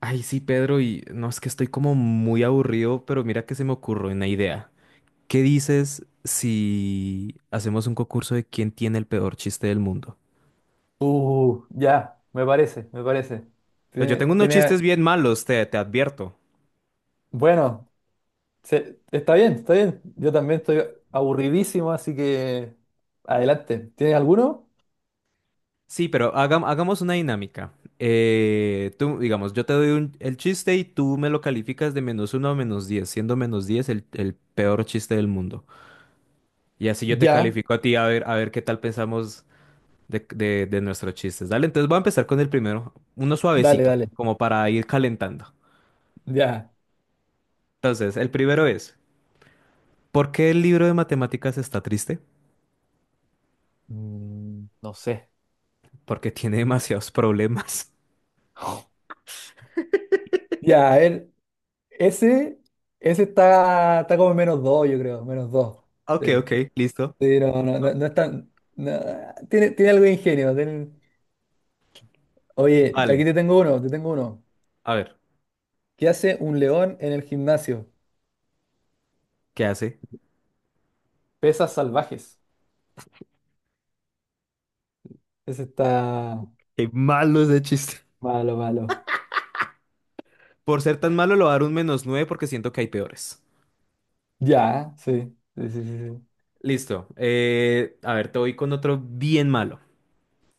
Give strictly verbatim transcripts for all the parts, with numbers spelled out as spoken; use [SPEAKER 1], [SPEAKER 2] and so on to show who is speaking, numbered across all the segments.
[SPEAKER 1] Ay, sí, Pedro, y no es que estoy como muy aburrido, pero mira que se me ocurrió una idea. ¿Qué dices si hacemos un concurso de quién tiene el peor chiste del mundo?
[SPEAKER 2] Uh, ya, me parece, me parece.
[SPEAKER 1] Pues yo
[SPEAKER 2] Tiene,
[SPEAKER 1] tengo unos
[SPEAKER 2] tiene,
[SPEAKER 1] chistes bien malos, te, te advierto.
[SPEAKER 2] bueno, se- está bien, está bien. Yo también estoy aburridísimo, así que adelante. ¿Tienes alguno?
[SPEAKER 1] Sí, pero hagam- hagamos una dinámica. Eh, tú, digamos, yo te doy un- el chiste y tú me lo calificas de menos uno a menos diez, siendo menos diez el, el peor chiste del mundo. Y así yo te
[SPEAKER 2] Ya,
[SPEAKER 1] califico a ti a ver, a ver qué tal pensamos de, de, de nuestros chistes. Dale, entonces voy a empezar con el primero, uno
[SPEAKER 2] dale,
[SPEAKER 1] suavecito,
[SPEAKER 2] dale.
[SPEAKER 1] como para ir calentando.
[SPEAKER 2] Ya.
[SPEAKER 1] Entonces, el primero es, ¿por qué el libro de matemáticas está triste?
[SPEAKER 2] Mm, no sé.
[SPEAKER 1] Porque tiene demasiados problemas.
[SPEAKER 2] Ya, a ver, ese, ese está, está como en menos dos, yo creo, menos dos.
[SPEAKER 1] Ok,
[SPEAKER 2] Sí.
[SPEAKER 1] ok, listo.
[SPEAKER 2] Sí, no, no, no, no es tan. No, tiene, tiene algo de ingenio. tiene- Oye, aquí
[SPEAKER 1] Vale,
[SPEAKER 2] te tengo uno, te tengo uno.
[SPEAKER 1] a ver,
[SPEAKER 2] ¿Qué hace un león en el gimnasio?
[SPEAKER 1] ¿qué hace?
[SPEAKER 2] Pesas salvajes. Ese está
[SPEAKER 1] Qué malo ese chiste.
[SPEAKER 2] malo, malo.
[SPEAKER 1] Por ser tan malo, lo voy a dar un menos nueve porque siento que hay peores.
[SPEAKER 2] Ya, sí. Sí, sí, sí, sí.
[SPEAKER 1] Listo. Eh, a ver, te voy con otro bien malo.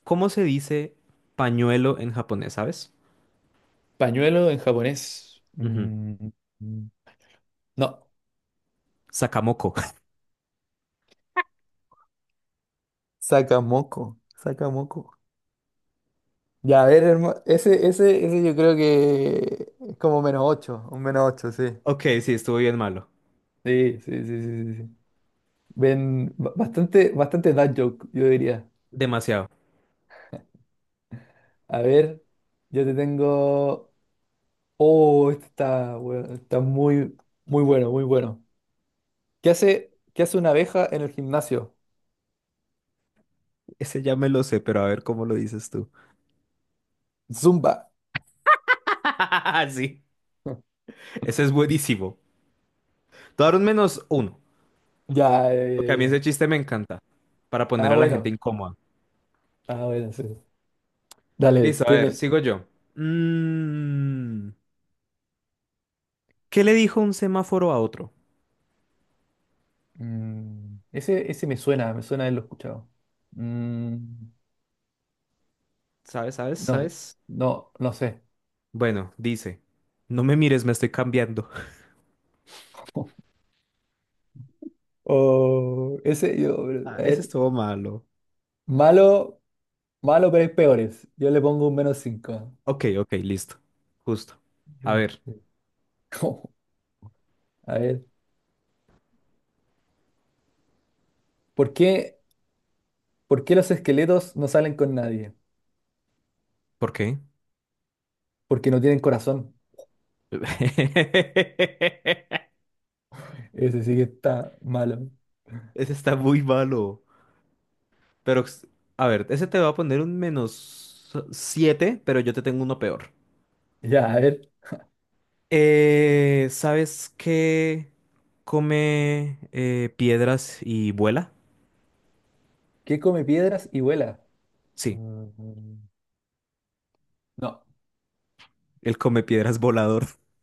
[SPEAKER 1] ¿Cómo se dice pañuelo en japonés, sabes?
[SPEAKER 2] Pañuelo en japonés.
[SPEAKER 1] Ujú.
[SPEAKER 2] Mm, mm, no.
[SPEAKER 1] Sakamoko.
[SPEAKER 2] Sacamoco, sacamoco. Ya, a ver, hermano. Ese, ese, ese yo creo que es como menos ocho, un menos ocho, sí.
[SPEAKER 1] Ok, sí, estuvo bien malo.
[SPEAKER 2] Sí, sí, sí, sí, sí, sí. Ven, ba- bastante, bastante dad joke, yo diría.
[SPEAKER 1] Demasiado.
[SPEAKER 2] A ver, yo te tengo. Oh, este está, bueno, está muy, muy bueno, muy bueno. ¿Qué hace, qué hace una abeja en el gimnasio?
[SPEAKER 1] Ese ya me lo sé, pero a ver cómo lo dices tú.
[SPEAKER 2] Zumba.
[SPEAKER 1] Sí, ese es buenísimo. Te voy a dar un menos uno,
[SPEAKER 2] Ya, ya,
[SPEAKER 1] porque
[SPEAKER 2] ya,
[SPEAKER 1] a mí
[SPEAKER 2] ya.
[SPEAKER 1] ese chiste me encanta, para poner
[SPEAKER 2] Ah,
[SPEAKER 1] a la gente
[SPEAKER 2] bueno.
[SPEAKER 1] incómoda.
[SPEAKER 2] Ah, bueno, sí. Dale,
[SPEAKER 1] Listo, a ver,
[SPEAKER 2] tiene.
[SPEAKER 1] sigo yo. Mm, ¿qué le dijo un semáforo a otro?
[SPEAKER 2] Mm, ese, ese me suena, me suena haberlo escuchado. Mm,
[SPEAKER 1] ¿Sabes, sabes,
[SPEAKER 2] no,
[SPEAKER 1] sabes?
[SPEAKER 2] no, no sé.
[SPEAKER 1] Bueno, dice, no me mires, me estoy cambiando.
[SPEAKER 2] Oh, ese yo, a
[SPEAKER 1] Ah, ese
[SPEAKER 2] ver,
[SPEAKER 1] estuvo malo.
[SPEAKER 2] malo, malo, pero hay peores. Yo le pongo un menos cinco.
[SPEAKER 1] Ok, ok, listo. Justo. A ver,
[SPEAKER 2] A ver, ¿por qué, por qué los esqueletos no salen con nadie?
[SPEAKER 1] ¿por qué?
[SPEAKER 2] Porque no tienen corazón. Ese sí que está malo.
[SPEAKER 1] Ese está muy malo. Pero, a ver, ese te va a poner un menos siete pero yo te tengo uno peor.
[SPEAKER 2] Ya, a ver.
[SPEAKER 1] Eh, ¿sabes qué come eh, piedras y vuela?
[SPEAKER 2] ¿Qué come piedras y vuela?
[SPEAKER 1] Sí,
[SPEAKER 2] Mm, No,
[SPEAKER 1] él come piedras volador.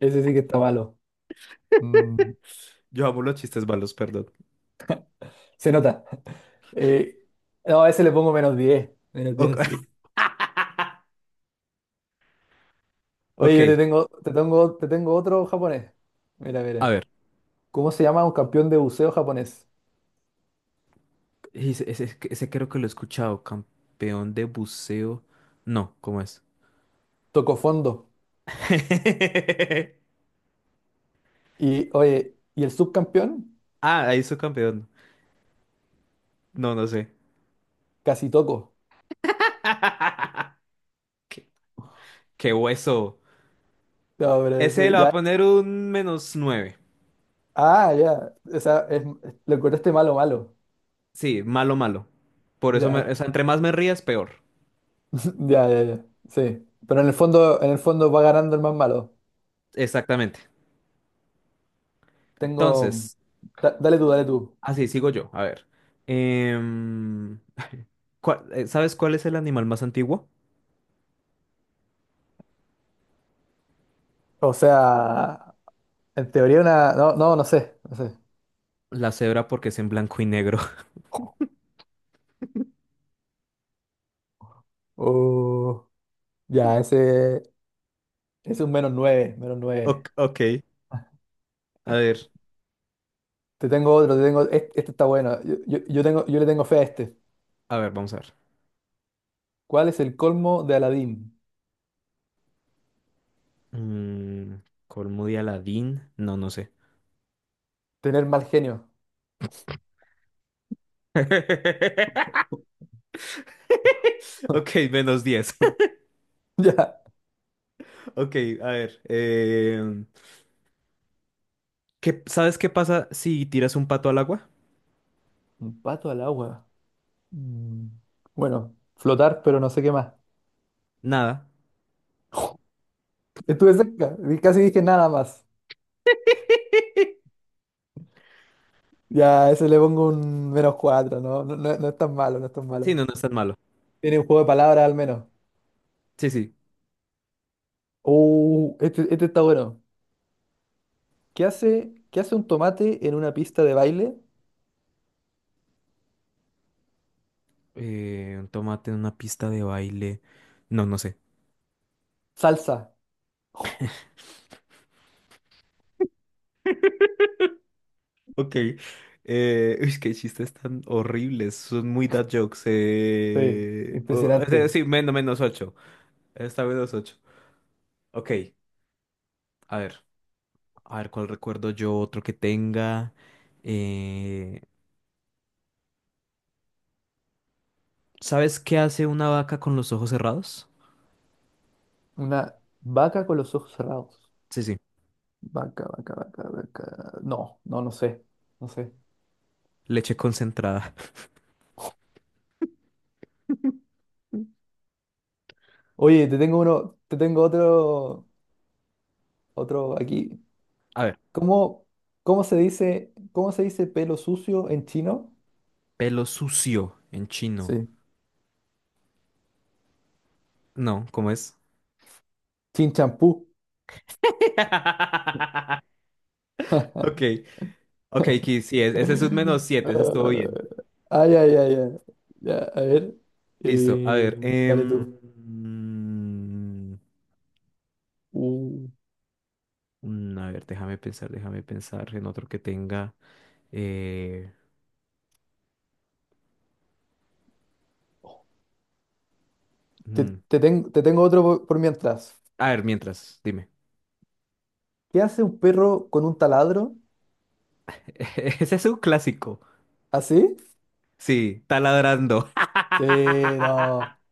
[SPEAKER 2] ese sí que está malo. Mm,
[SPEAKER 1] Yo amo los chistes malos, perdón.
[SPEAKER 2] Se nota. Eh, no, a ese le pongo menos diez. Menos
[SPEAKER 1] Ok,
[SPEAKER 2] diez, sí. Oye,
[SPEAKER 1] ok,
[SPEAKER 2] yo te tengo, te tengo, te tengo otro japonés. Mira,
[SPEAKER 1] a
[SPEAKER 2] mira.
[SPEAKER 1] ver.
[SPEAKER 2] ¿Cómo se llama un campeón de buceo japonés?
[SPEAKER 1] Ese, ese- ese creo que lo he escuchado. Campeón de buceo. No, ¿cómo es?
[SPEAKER 2] Tocó fondo. Y, oye, ¿y el subcampeón?
[SPEAKER 1] Ah, ahí soy campeón. No, no sé.
[SPEAKER 2] Casi toco.
[SPEAKER 1] ¿Qué, qué hueso?
[SPEAKER 2] No, pero
[SPEAKER 1] Ese
[SPEAKER 2] ese,
[SPEAKER 1] le va a
[SPEAKER 2] ya.
[SPEAKER 1] poner un menos nueve.
[SPEAKER 2] Ah, ya. O sea, es- lo encontraste malo, malo.
[SPEAKER 1] Sí, malo, malo. Por eso, me-
[SPEAKER 2] Ya,
[SPEAKER 1] o sea, entre más me rías, peor.
[SPEAKER 2] ya, ya, ya. Sí. Pero en el fondo, en el fondo va ganando el más malo.
[SPEAKER 1] Exactamente.
[SPEAKER 2] Tengo.
[SPEAKER 1] Entonces,
[SPEAKER 2] Da- dale tú, dale tú.
[SPEAKER 1] así sigo yo. A ver. Em, ¿cuál- eh, ¿sabes cuál es el animal más antiguo?
[SPEAKER 2] O sea, en teoría una. No, no, no sé. No sé.
[SPEAKER 1] La cebra porque es en blanco y negro.
[SPEAKER 2] Uh, ya, ese es un menos nueve, menos
[SPEAKER 1] Ok,
[SPEAKER 2] nueve.
[SPEAKER 1] ok. A ver,
[SPEAKER 2] Te tengo otro, te tengo. Este, este está bueno. Yo, yo- yo tengo, yo le tengo fe a este.
[SPEAKER 1] a ver, vamos a ver.
[SPEAKER 2] ¿Cuál es el colmo de Aladín?
[SPEAKER 1] Mm, colmo de Aladín. No, no sé.
[SPEAKER 2] Tener mal genio.
[SPEAKER 1] Ok, menos diez.
[SPEAKER 2] Ya.
[SPEAKER 1] Ok, a ver. em, ¿qué- Sabes qué pasa si tiras un pato al agua?
[SPEAKER 2] Un pato al agua. Mm, Bueno, flotar, pero no sé qué más.
[SPEAKER 1] Nada.
[SPEAKER 2] Estuve cerca. di- Casi dije nada más. Ya, a ese le pongo un menos cuatro, ¿no? No, no- no es tan malo, no es tan
[SPEAKER 1] Sí,
[SPEAKER 2] malo.
[SPEAKER 1] no, no es tan malo.
[SPEAKER 2] Tiene un juego de palabras al menos.
[SPEAKER 1] Sí, sí.
[SPEAKER 2] Uh, este, este está bueno. ¿Qué hace, qué hace un tomate en una pista de baile?
[SPEAKER 1] Eh, un tomate en una pista de baile. No, no sé.
[SPEAKER 2] Salsa.
[SPEAKER 1] Ok. Eh, uy, qué chistes tan horribles. Son muy dad jokes.
[SPEAKER 2] Sí,
[SPEAKER 1] Eh... o- o sea,
[SPEAKER 2] impresionante.
[SPEAKER 1] sí, menos, menos ocho. Está menos ocho. Ok. A ver. A ver cuál recuerdo yo, otro que tenga. Eh, ¿Sabes qué hace una vaca con los ojos cerrados?
[SPEAKER 2] Una vaca con los ojos cerrados.
[SPEAKER 1] Sí, sí.
[SPEAKER 2] Vaca, vaca, vaca, vaca. No, no, no sé. No sé.
[SPEAKER 1] Leche concentrada.
[SPEAKER 2] Oye, te tengo uno, te tengo otro, otro aquí.
[SPEAKER 1] A ver.
[SPEAKER 2] ¿Cómo, cómo se dice, cómo se dice pelo sucio en chino?
[SPEAKER 1] Pelo sucio en chino.
[SPEAKER 2] Sí.
[SPEAKER 1] No, ¿cómo es?
[SPEAKER 2] Chin champú.
[SPEAKER 1] Ok. Ok, Kiss, sí, es- ese es un menos siete, ese estuvo bien.
[SPEAKER 2] Ah, ay, ay, ay, ay. Ya, a ver.
[SPEAKER 1] Listo, a
[SPEAKER 2] eh,
[SPEAKER 1] ver. Em,
[SPEAKER 2] Dale tú.
[SPEAKER 1] mm,
[SPEAKER 2] Uh,
[SPEAKER 1] mm, a ver, déjame pensar, déjame pensar en otro que tenga. eh,
[SPEAKER 2] te,
[SPEAKER 1] mm.
[SPEAKER 2] te ten- te tengo otro por, por mientras.
[SPEAKER 1] A ver, mientras, dime.
[SPEAKER 2] ¿Qué hace un perro con un taladro?
[SPEAKER 1] Ese es un clásico.
[SPEAKER 2] ¿Así?
[SPEAKER 1] Sí, taladrando.
[SPEAKER 2] Sí, sí, no.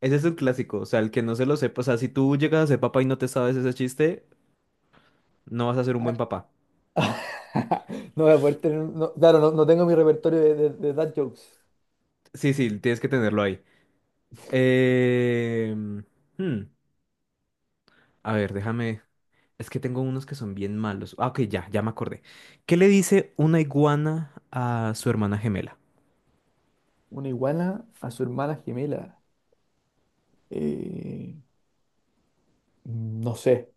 [SPEAKER 1] Ese es un clásico. O sea, el que no se lo sepa. O sea, si tú llegas a ser papá y no te sabes ese chiste, no vas a ser un buen papá.
[SPEAKER 2] No voy a poder tener. Un- no, claro, no, no tengo mi repertorio de, de, de dad jokes.
[SPEAKER 1] Sí, sí, tienes que tenerlo ahí. Eh, hmm, A ver, déjame. Es que tengo unos que son bien malos. Ah, ok, ya, ya me acordé. ¿Qué le dice una iguana a su hermana gemela?
[SPEAKER 2] Una iguana a su hermana gemela. Eh, no sé.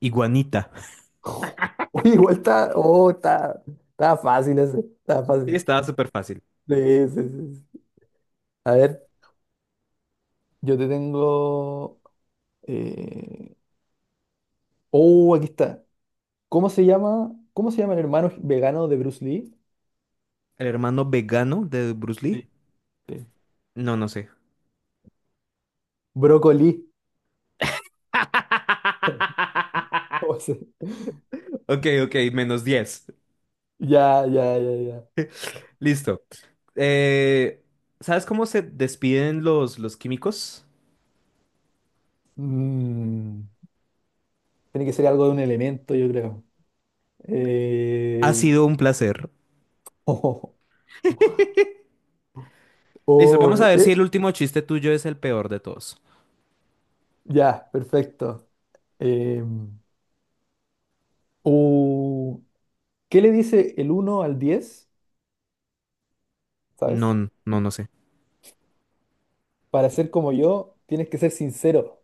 [SPEAKER 1] Iguanita.
[SPEAKER 2] Oye, igual está. Oh, está, está fácil ese. Está
[SPEAKER 1] Sí,
[SPEAKER 2] fácil.
[SPEAKER 1] estaba súper fácil.
[SPEAKER 2] Sí, sí, sí, sí. A ver. Yo te tengo. eh, Oh, aquí está. ¿Cómo se llama? ¿Cómo se llama el hermano vegano de Bruce Lee?
[SPEAKER 1] ¿El hermano vegano de Bruce Lee?
[SPEAKER 2] Sí. Sí.
[SPEAKER 1] No, no sé.
[SPEAKER 2] Brócoli. ¿Cómo se-
[SPEAKER 1] Ok, ok, menos diez.
[SPEAKER 2] Ya, ya, ya, ya.
[SPEAKER 1] Listo. Eh, ¿sabes cómo se despiden los, los químicos?
[SPEAKER 2] Mm, Tiene que ser algo de un elemento, yo creo.
[SPEAKER 1] Ha
[SPEAKER 2] Eh,
[SPEAKER 1] sido un placer. Listo,
[SPEAKER 2] Oh,
[SPEAKER 1] vamos a
[SPEAKER 2] eh,
[SPEAKER 1] ver si
[SPEAKER 2] eh,
[SPEAKER 1] el último chiste tuyo es el peor de todos.
[SPEAKER 2] ya, perfecto. Eh, uh, ¿Qué le dice el uno al diez? ¿Sabes?
[SPEAKER 1] No, no, no sé.
[SPEAKER 2] Para ser como yo, tienes que ser sincero.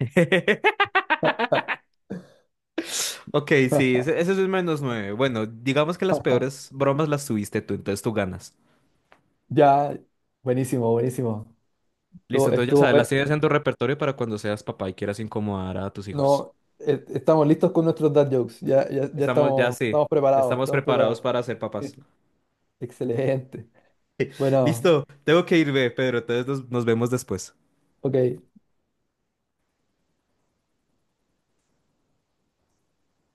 [SPEAKER 1] Ok, sí, ese, ese sí es un menos nueve. Bueno, digamos que las peores bromas las tuviste tú, entonces tú ganas.
[SPEAKER 2] Ya, buenísimo, buenísimo.
[SPEAKER 1] Listo,
[SPEAKER 2] Estuvo,
[SPEAKER 1] entonces ya
[SPEAKER 2] estuvo
[SPEAKER 1] sabes,
[SPEAKER 2] bueno.
[SPEAKER 1] las tienes en tu repertorio para cuando seas papá y quieras incomodar a tus
[SPEAKER 2] No,
[SPEAKER 1] hijos.
[SPEAKER 2] e- estamos listos con nuestros dad jokes. Ya, ya, ya
[SPEAKER 1] Estamos, ya
[SPEAKER 2] estamos,
[SPEAKER 1] sí,
[SPEAKER 2] estamos
[SPEAKER 1] ya
[SPEAKER 2] preparados,
[SPEAKER 1] estamos
[SPEAKER 2] estamos
[SPEAKER 1] preparados
[SPEAKER 2] preparados.
[SPEAKER 1] para ser papás.
[SPEAKER 2] Excelente. Bueno,
[SPEAKER 1] Listo, tengo que irme, Pedro, entonces nos, nos vemos después.
[SPEAKER 2] ok.